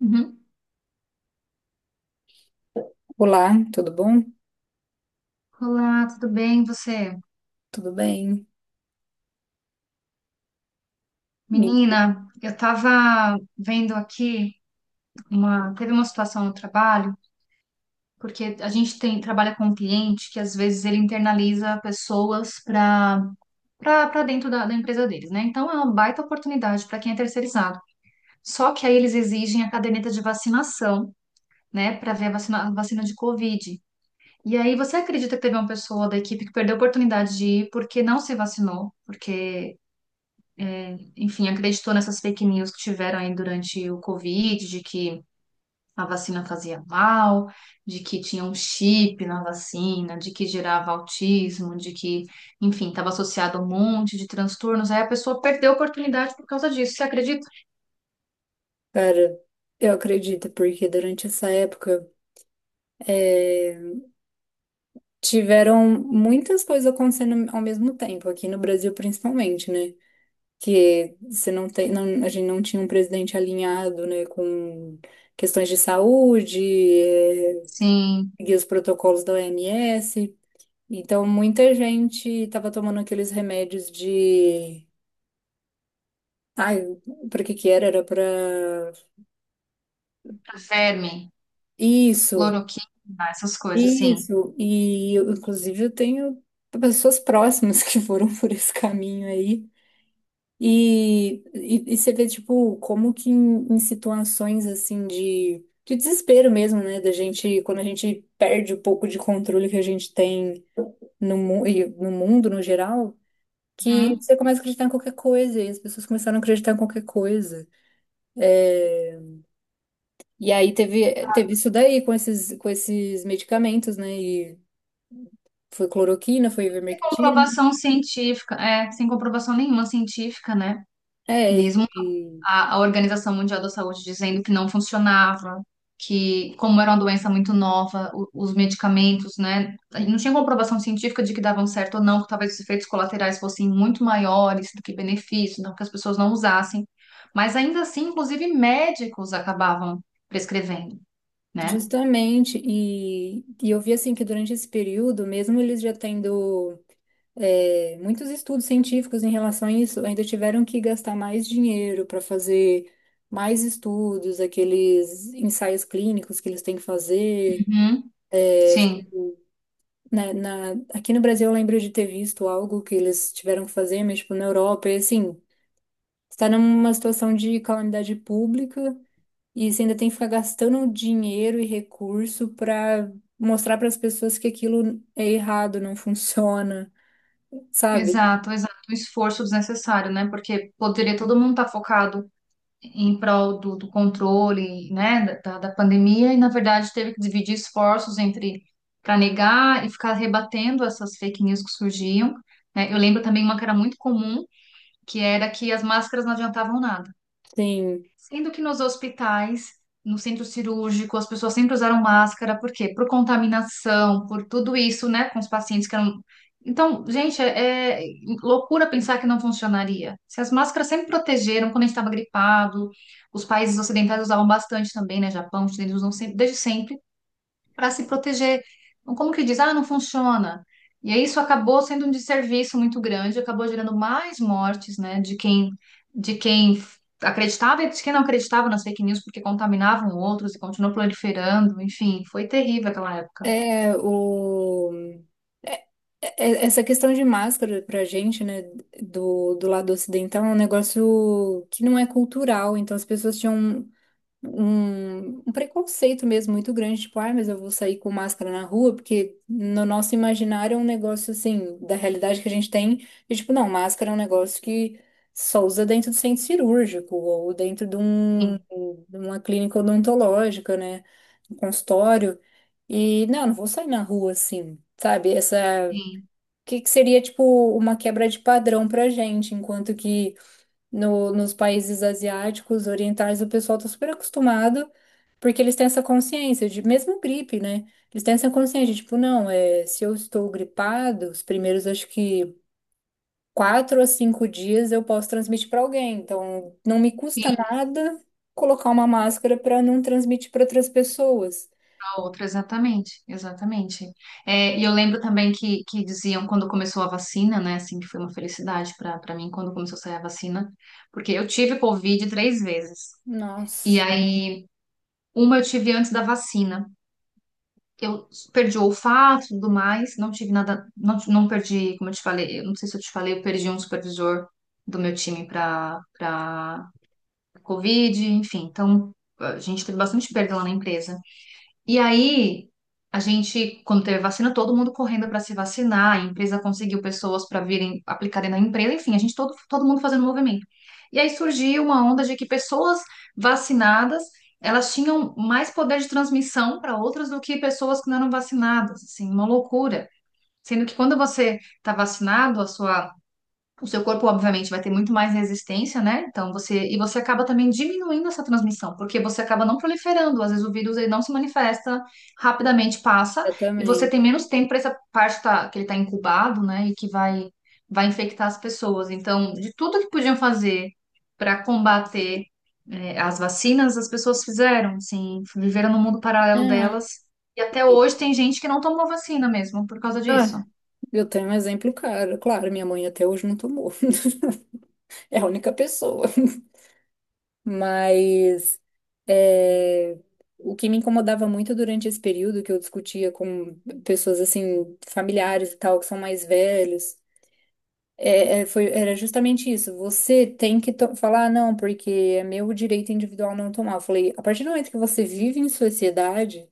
Uhum. Olá, tudo bom? Olá, tudo bem? E você? Tudo bem? E, Menina, eu tava vendo aqui teve uma situação no trabalho, porque a gente trabalha com um cliente que às vezes ele internaliza pessoas para dentro da empresa deles, né? Então é uma baita oportunidade para quem é terceirizado. Só que aí eles exigem a caderneta de vacinação, né, para ver a vacina de Covid. E aí você acredita que teve uma pessoa da equipe que perdeu a oportunidade de ir porque não se vacinou, porque enfim, acreditou nessas fake news que tiveram aí durante o Covid, de que a vacina fazia mal, de que tinha um chip na vacina, de que gerava autismo, enfim, estava associado a um monte de transtornos. Aí a pessoa perdeu a oportunidade por causa disso, você acredita? Cara, eu acredito, porque durante essa época é, tiveram muitas coisas acontecendo ao mesmo tempo, aqui no Brasil principalmente, né? Que você não tem, não- a gente não tinha um presidente alinhado, né, com questões de saúde, é, Sim, e os protocolos da OMS. Então, muita gente estava tomando aqueles remédios de. Ai, para que que era? Era para verme, isso. cloroquina, essas coisas, sim. Isso, e inclusive eu tenho pessoas próximas que foram por esse caminho aí. E você vê, tipo, como que em situações assim de desespero mesmo, né? Da gente, quando a gente perde um pouco de controle que a gente tem no mundo no geral, que Uhum. você começa a acreditar em qualquer coisa, e as pessoas começaram a acreditar em qualquer coisa. É, e aí teve isso daí com esses medicamentos, né? E foi cloroquina, foi Sem ivermectina. comprovação científica, é, sem comprovação nenhuma científica, né? É, e, Mesmo e a Organização Mundial da Saúde dizendo que não funcionava, que como era uma doença muito nova, os medicamentos, né, não tinha comprovação científica de que davam certo ou não, que talvez os efeitos colaterais fossem muito maiores do que benefícios, não que as pessoas não usassem, mas ainda assim, inclusive médicos acabavam prescrevendo, né? justamente, e eu vi assim que durante esse período, mesmo eles já tendo muitos estudos científicos em relação a isso, ainda tiveram que gastar mais dinheiro para fazer mais estudos, aqueles ensaios clínicos que eles têm que fazer. Uhum. Sim, Aqui no Brasil eu lembro de ter visto algo que eles tiveram que fazer, mas tipo, na Europa, e assim, está numa situação de calamidade pública. E você ainda tem que ficar gastando dinheiro e recurso para mostrar para as pessoas que aquilo é errado, não funciona, sabe? exato, exato, um esforço desnecessário, né? Porque poderia todo mundo estar focado em prol do controle, né, da pandemia, e na verdade teve que dividir esforços entre para negar e ficar rebatendo essas fake news que surgiam, né? Eu lembro também uma que era muito comum, que era que as máscaras não adiantavam nada. Sim. Sendo que nos hospitais, no centro cirúrgico, as pessoas sempre usaram máscara, por quê? Por contaminação, por tudo isso, né, com os pacientes que eram. Então, gente, é loucura pensar que não funcionaria. Se as máscaras sempre protegeram quando a gente estava gripado, os países ocidentais usavam bastante também, né? Japão, os chineses usam sempre, desde sempre para se proteger. Então, como que diz? Ah, não funciona. E aí isso acabou sendo um desserviço muito grande, acabou gerando mais mortes, né, de quem acreditava e de quem não acreditava nas fake news, porque contaminavam outros e continuou proliferando. Enfim, foi terrível aquela época. É o é- é- é, Essa questão de máscara pra gente, né, do lado ocidental é um negócio que não é cultural, então as pessoas tinham um preconceito mesmo muito grande, tipo, ah, mas eu vou sair com máscara na rua, porque no nosso imaginário é um negócio assim, da realidade que a gente tem, e tipo, não, máscara é um negócio que só usa dentro do centro cirúrgico, ou dentro de, um, Sim, de uma clínica odontológica, né, um consultório, e não, não vou sair na rua assim, sabe. Sim. O que que seria, tipo, uma quebra de padrão pra gente, enquanto que no, nos países asiáticos, orientais, o pessoal tá super acostumado porque eles têm essa consciência de, mesmo gripe, né? Eles têm essa consciência de, tipo, não, é, se eu estou gripado, os primeiros, acho que, quatro a cinco dias eu posso transmitir para alguém. Então, não me custa Sim, nada colocar uma máscara para não transmitir para outras pessoas. a outra, exatamente, exatamente. É, e eu lembro também que diziam quando começou a vacina, né? Assim, que foi uma felicidade para mim quando começou a sair a vacina, porque eu tive Covid três vezes. E Nossa, aí uma eu tive antes da vacina. Eu perdi o olfato e tudo mais, não tive nada, não perdi, como eu te falei, eu não sei se eu te falei, eu perdi um supervisor do meu time para Covid, enfim. Então, a gente teve bastante perda lá na empresa. E aí, a gente, quando teve vacina, todo mundo correndo para se vacinar, a empresa conseguiu pessoas para virem aplicarem na empresa, enfim, a gente todo mundo fazendo movimento. E aí surgiu uma onda de que pessoas vacinadas, elas tinham mais poder de transmissão para outras do que pessoas que não eram vacinadas, assim, uma loucura. Sendo que quando você está vacinado, a sua o seu corpo, obviamente, vai ter muito mais resistência, né? Então você e você acaba também diminuindo essa transmissão, porque você acaba não proliferando. Às vezes o vírus ele não se manifesta rapidamente, passa e você tem exatamente. menos tempo para essa parte tá- que ele está incubado, né? E que vai infectar as pessoas. Então, de tudo que podiam fazer para combater as vacinas, as pessoas fizeram, assim, viveram no mundo paralelo Ah, delas. E até e- hoje tem gente que não tomou vacina mesmo por causa disso. ah, eu tenho um exemplo, cara. Claro, minha mãe até hoje não tomou. É a única pessoa. Mas é, o que me incomodava muito durante esse período que eu discutia com pessoas assim, familiares e tal, que são mais velhos, era justamente isso. Você tem que falar, "Ah, não, porque é meu direito individual não tomar. Eu falei, a partir do momento que você vive em sociedade,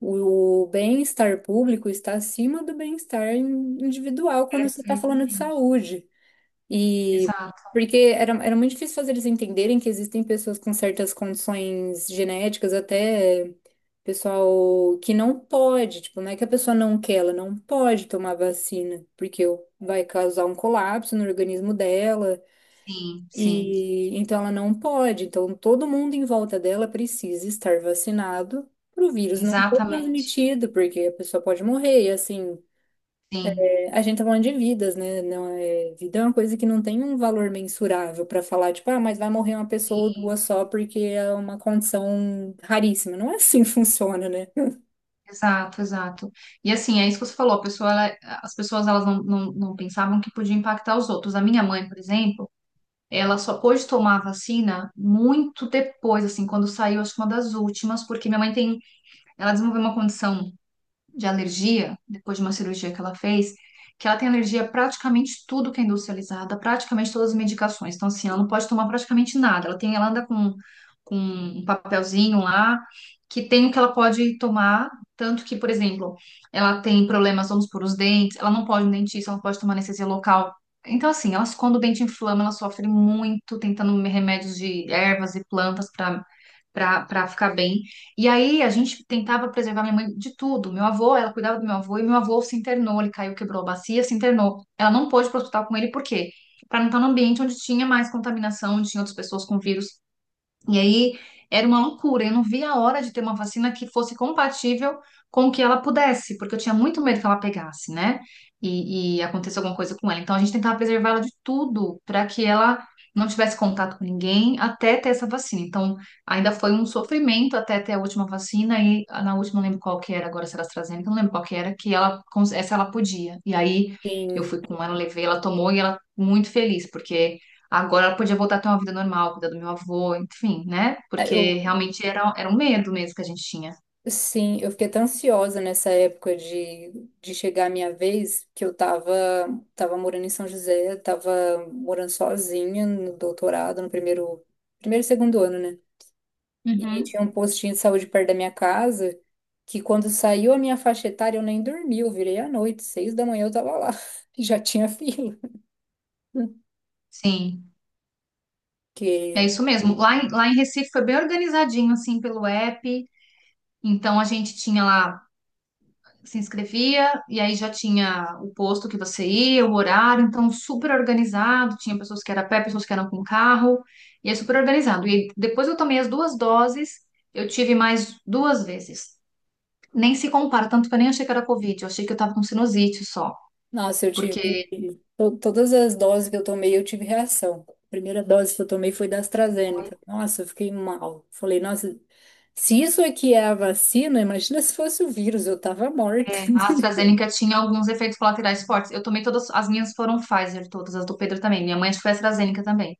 o bem-estar público está acima do bem-estar individual quando você está falando de Perfeitamente. saúde. E Exato. porque era muito difícil fazer eles entenderem que existem pessoas com certas condições genéticas, até pessoal que não pode, tipo, não é que a pessoa não quer, ela não pode tomar vacina, porque vai causar um colapso no organismo dela, Sim, sim, e então ela não pode. Então todo mundo em volta dela precisa estar vacinado para o vírus não ser exatamente. transmitido, porque a pessoa pode morrer, e assim. Sim, A gente tá falando de vidas, né? Não é, vida é uma coisa que não tem um valor mensurável pra falar, tipo, ah, mas vai morrer uma pessoa ou duas só porque é uma condição raríssima. Não é assim que funciona, né? exato, exato. E assim, é isso que você falou, as pessoas elas não pensavam que podia impactar os outros. A minha mãe, por exemplo, ela só pôde tomar a vacina muito depois, assim, quando saiu, acho que uma das últimas, porque ela desenvolveu uma condição de alergia, depois de uma cirurgia que ela fez, que ela tem alergia a praticamente tudo que é industrializado, praticamente todas as medicações. Então, assim, ela não pode tomar praticamente nada. Ela anda com um papelzinho lá que tem o que ela pode tomar, tanto que, por exemplo, ela tem problemas, vamos por os dentes, ela não pode ir no dentista, ela não pode tomar anestesia local. Então, assim, elas, quando o dente inflama, ela sofre muito tentando remédios de ervas e plantas para ficar bem. E aí a gente tentava preservar minha mãe de tudo. Meu avô, ela cuidava do meu avô e meu avô se internou, ele caiu, quebrou a bacia, se internou. Ela não pôde ir para o hospital com ele, por quê? Para não estar num ambiente onde tinha mais contaminação, onde tinha outras pessoas com vírus. E aí era uma loucura. Eu não via a hora de ter uma vacina que fosse compatível com o que ela pudesse, porque eu tinha muito medo que ela pegasse, né? E acontecesse alguma coisa com ela. Então a gente tentava preservar ela de tudo para que ela não tivesse contato com ninguém até ter essa vacina. Então ainda foi um sofrimento até ter a última vacina. E ah, na última, não lembro qual que era, agora se era AstraZeneca, não lembro qual que era, que ela, essa ela podia. E aí eu Sim, fui com ela, levei, ela tomou e ela muito feliz, porque agora ela podia voltar a ter uma vida normal, cuidar do meu avô, enfim, né? é, Porque eu, realmente era um medo mesmo que a gente tinha. sim, eu fiquei tão ansiosa nessa época de, chegar a minha vez que eu tava morando em São José, tava morando sozinha no doutorado, no primeiro e segundo ano, né? E Uhum. tinha um postinho de saúde perto da minha casa, que quando saiu a minha faixa etária, eu nem dormi, eu virei à noite, seis da manhã eu tava lá, já tinha fila. Sim, é Porque, isso mesmo. Lá em Recife foi bem organizadinho, assim, pelo app. Então a gente tinha lá, se inscrevia, e aí já tinha o posto que você ia, o horário, então super organizado. Tinha pessoas que eram a pé, pessoas que eram com carro, e é super organizado. E depois eu tomei as duas doses, eu tive mais duas vezes. Nem se compara, tanto que eu nem achei que era Covid, eu achei que eu tava com sinusite só. nossa, eu tive, Porque todas as doses que eu tomei, eu tive reação. A primeira dose que eu tomei foi da AstraZeneca. Nossa, eu fiquei mal. Falei, nossa, se isso aqui é a vacina, imagina se fosse o vírus, eu tava morta. é, a AstraZeneca tinha alguns efeitos colaterais fortes. Eu tomei todas, as minhas foram Pfizer, todas, as do Pedro também. Minha mãe acho que foi AstraZeneca também.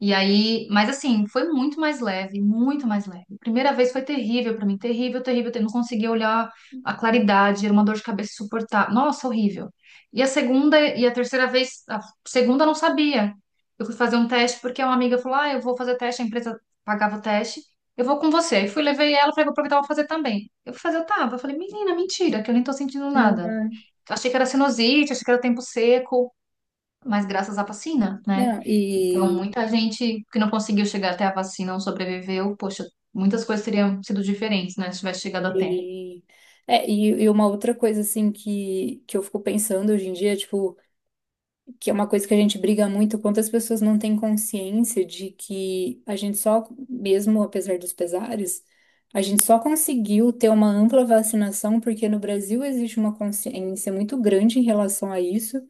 E aí, mas assim, foi muito mais leve, muito mais leve. Primeira vez foi terrível pra mim, terrível, terrível, eu não conseguia olhar a claridade, era uma dor de cabeça suportável. Nossa, horrível. E a segunda e a terceira vez, a segunda eu não sabia. Eu fui fazer um teste porque uma amiga falou: "Ah, eu vou fazer teste, a empresa pagava o teste. Eu vou com você". Aí fui, levei ela, falei: "Vou aproveitar, vou fazer também". Eu fui fazer, eu tava, eu falei: "Menina, mentira, que eu nem tô sentindo nada". Não, Achei que era sinusite, achei que era tempo seco, mas graças à vacina, né? não. Então, e muita gente que não conseguiu chegar até a vacina não sobreviveu, poxa, muitas coisas teriam sido diferentes, né? Se tivesse chegado a tempo. E, é, e, e uma outra coisa, assim, que eu fico pensando hoje em dia, tipo, que é uma coisa que a gente briga muito, quantas pessoas não têm consciência de que a gente só, mesmo apesar dos pesares, a gente só conseguiu ter uma ampla vacinação porque no Brasil existe uma consciência muito grande em relação a isso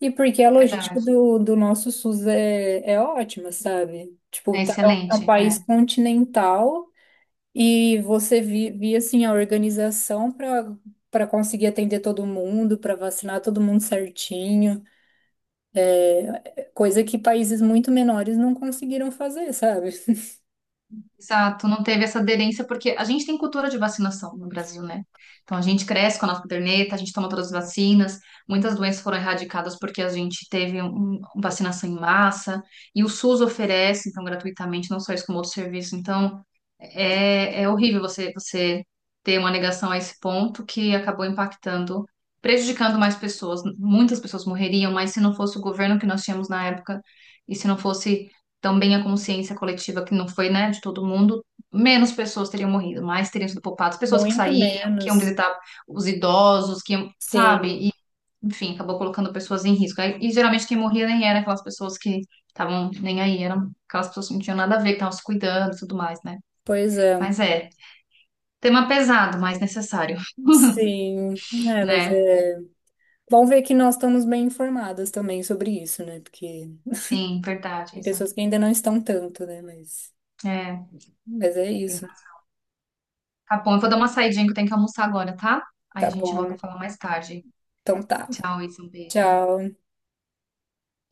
e porque a Verdade. logística do nosso SUS é ótima, sabe? Tipo, É tá, é um é excelente. um É. país continental. E você via assim a organização para conseguir atender todo mundo, para vacinar todo mundo certinho, coisa que países muito menores não conseguiram fazer, sabe? Exato, não teve essa aderência, porque a gente tem cultura de vacinação no Brasil, né? Então, a gente cresce com a nossa caderneta, a gente toma todas as vacinas, muitas doenças foram erradicadas porque a gente teve um vacinação em massa, e o SUS oferece, então, gratuitamente, não só isso, como outro serviço. Então, é, é horrível você ter uma negação a esse ponto que acabou impactando, prejudicando mais pessoas. Muitas pessoas morreriam, mas se não fosse o governo que nós tínhamos na época, e se não fosse também a consciência coletiva, que não foi, né, de todo mundo, menos pessoas teriam morrido, mais teriam sido poupadas. Pessoas que Muito saíam, que iam menos. visitar os idosos, que iam, sabe? E, Sim, enfim, acabou colocando pessoas em risco. E geralmente quem morria nem era aquelas pessoas que estavam nem aí, eram aquelas pessoas que não tinham nada a ver, que estavam se cuidando e tudo mais, né? pois é. Mas é, tema pesado, mas necessário, Sim, é, mas né? é. Bom ver que nós estamos bem informadas também sobre isso, né? Porque Sim, verdade, tem Isa. pessoas que ainda não estão tanto, né? É, Mas é tem... isso. razão. Tá bom, eu vou dar uma saidinha que eu tenho que almoçar agora, tá? Aí Tá a gente bom. volta a falar mais tarde. Então tá. Tchau, Isa, um beijo. Tchau.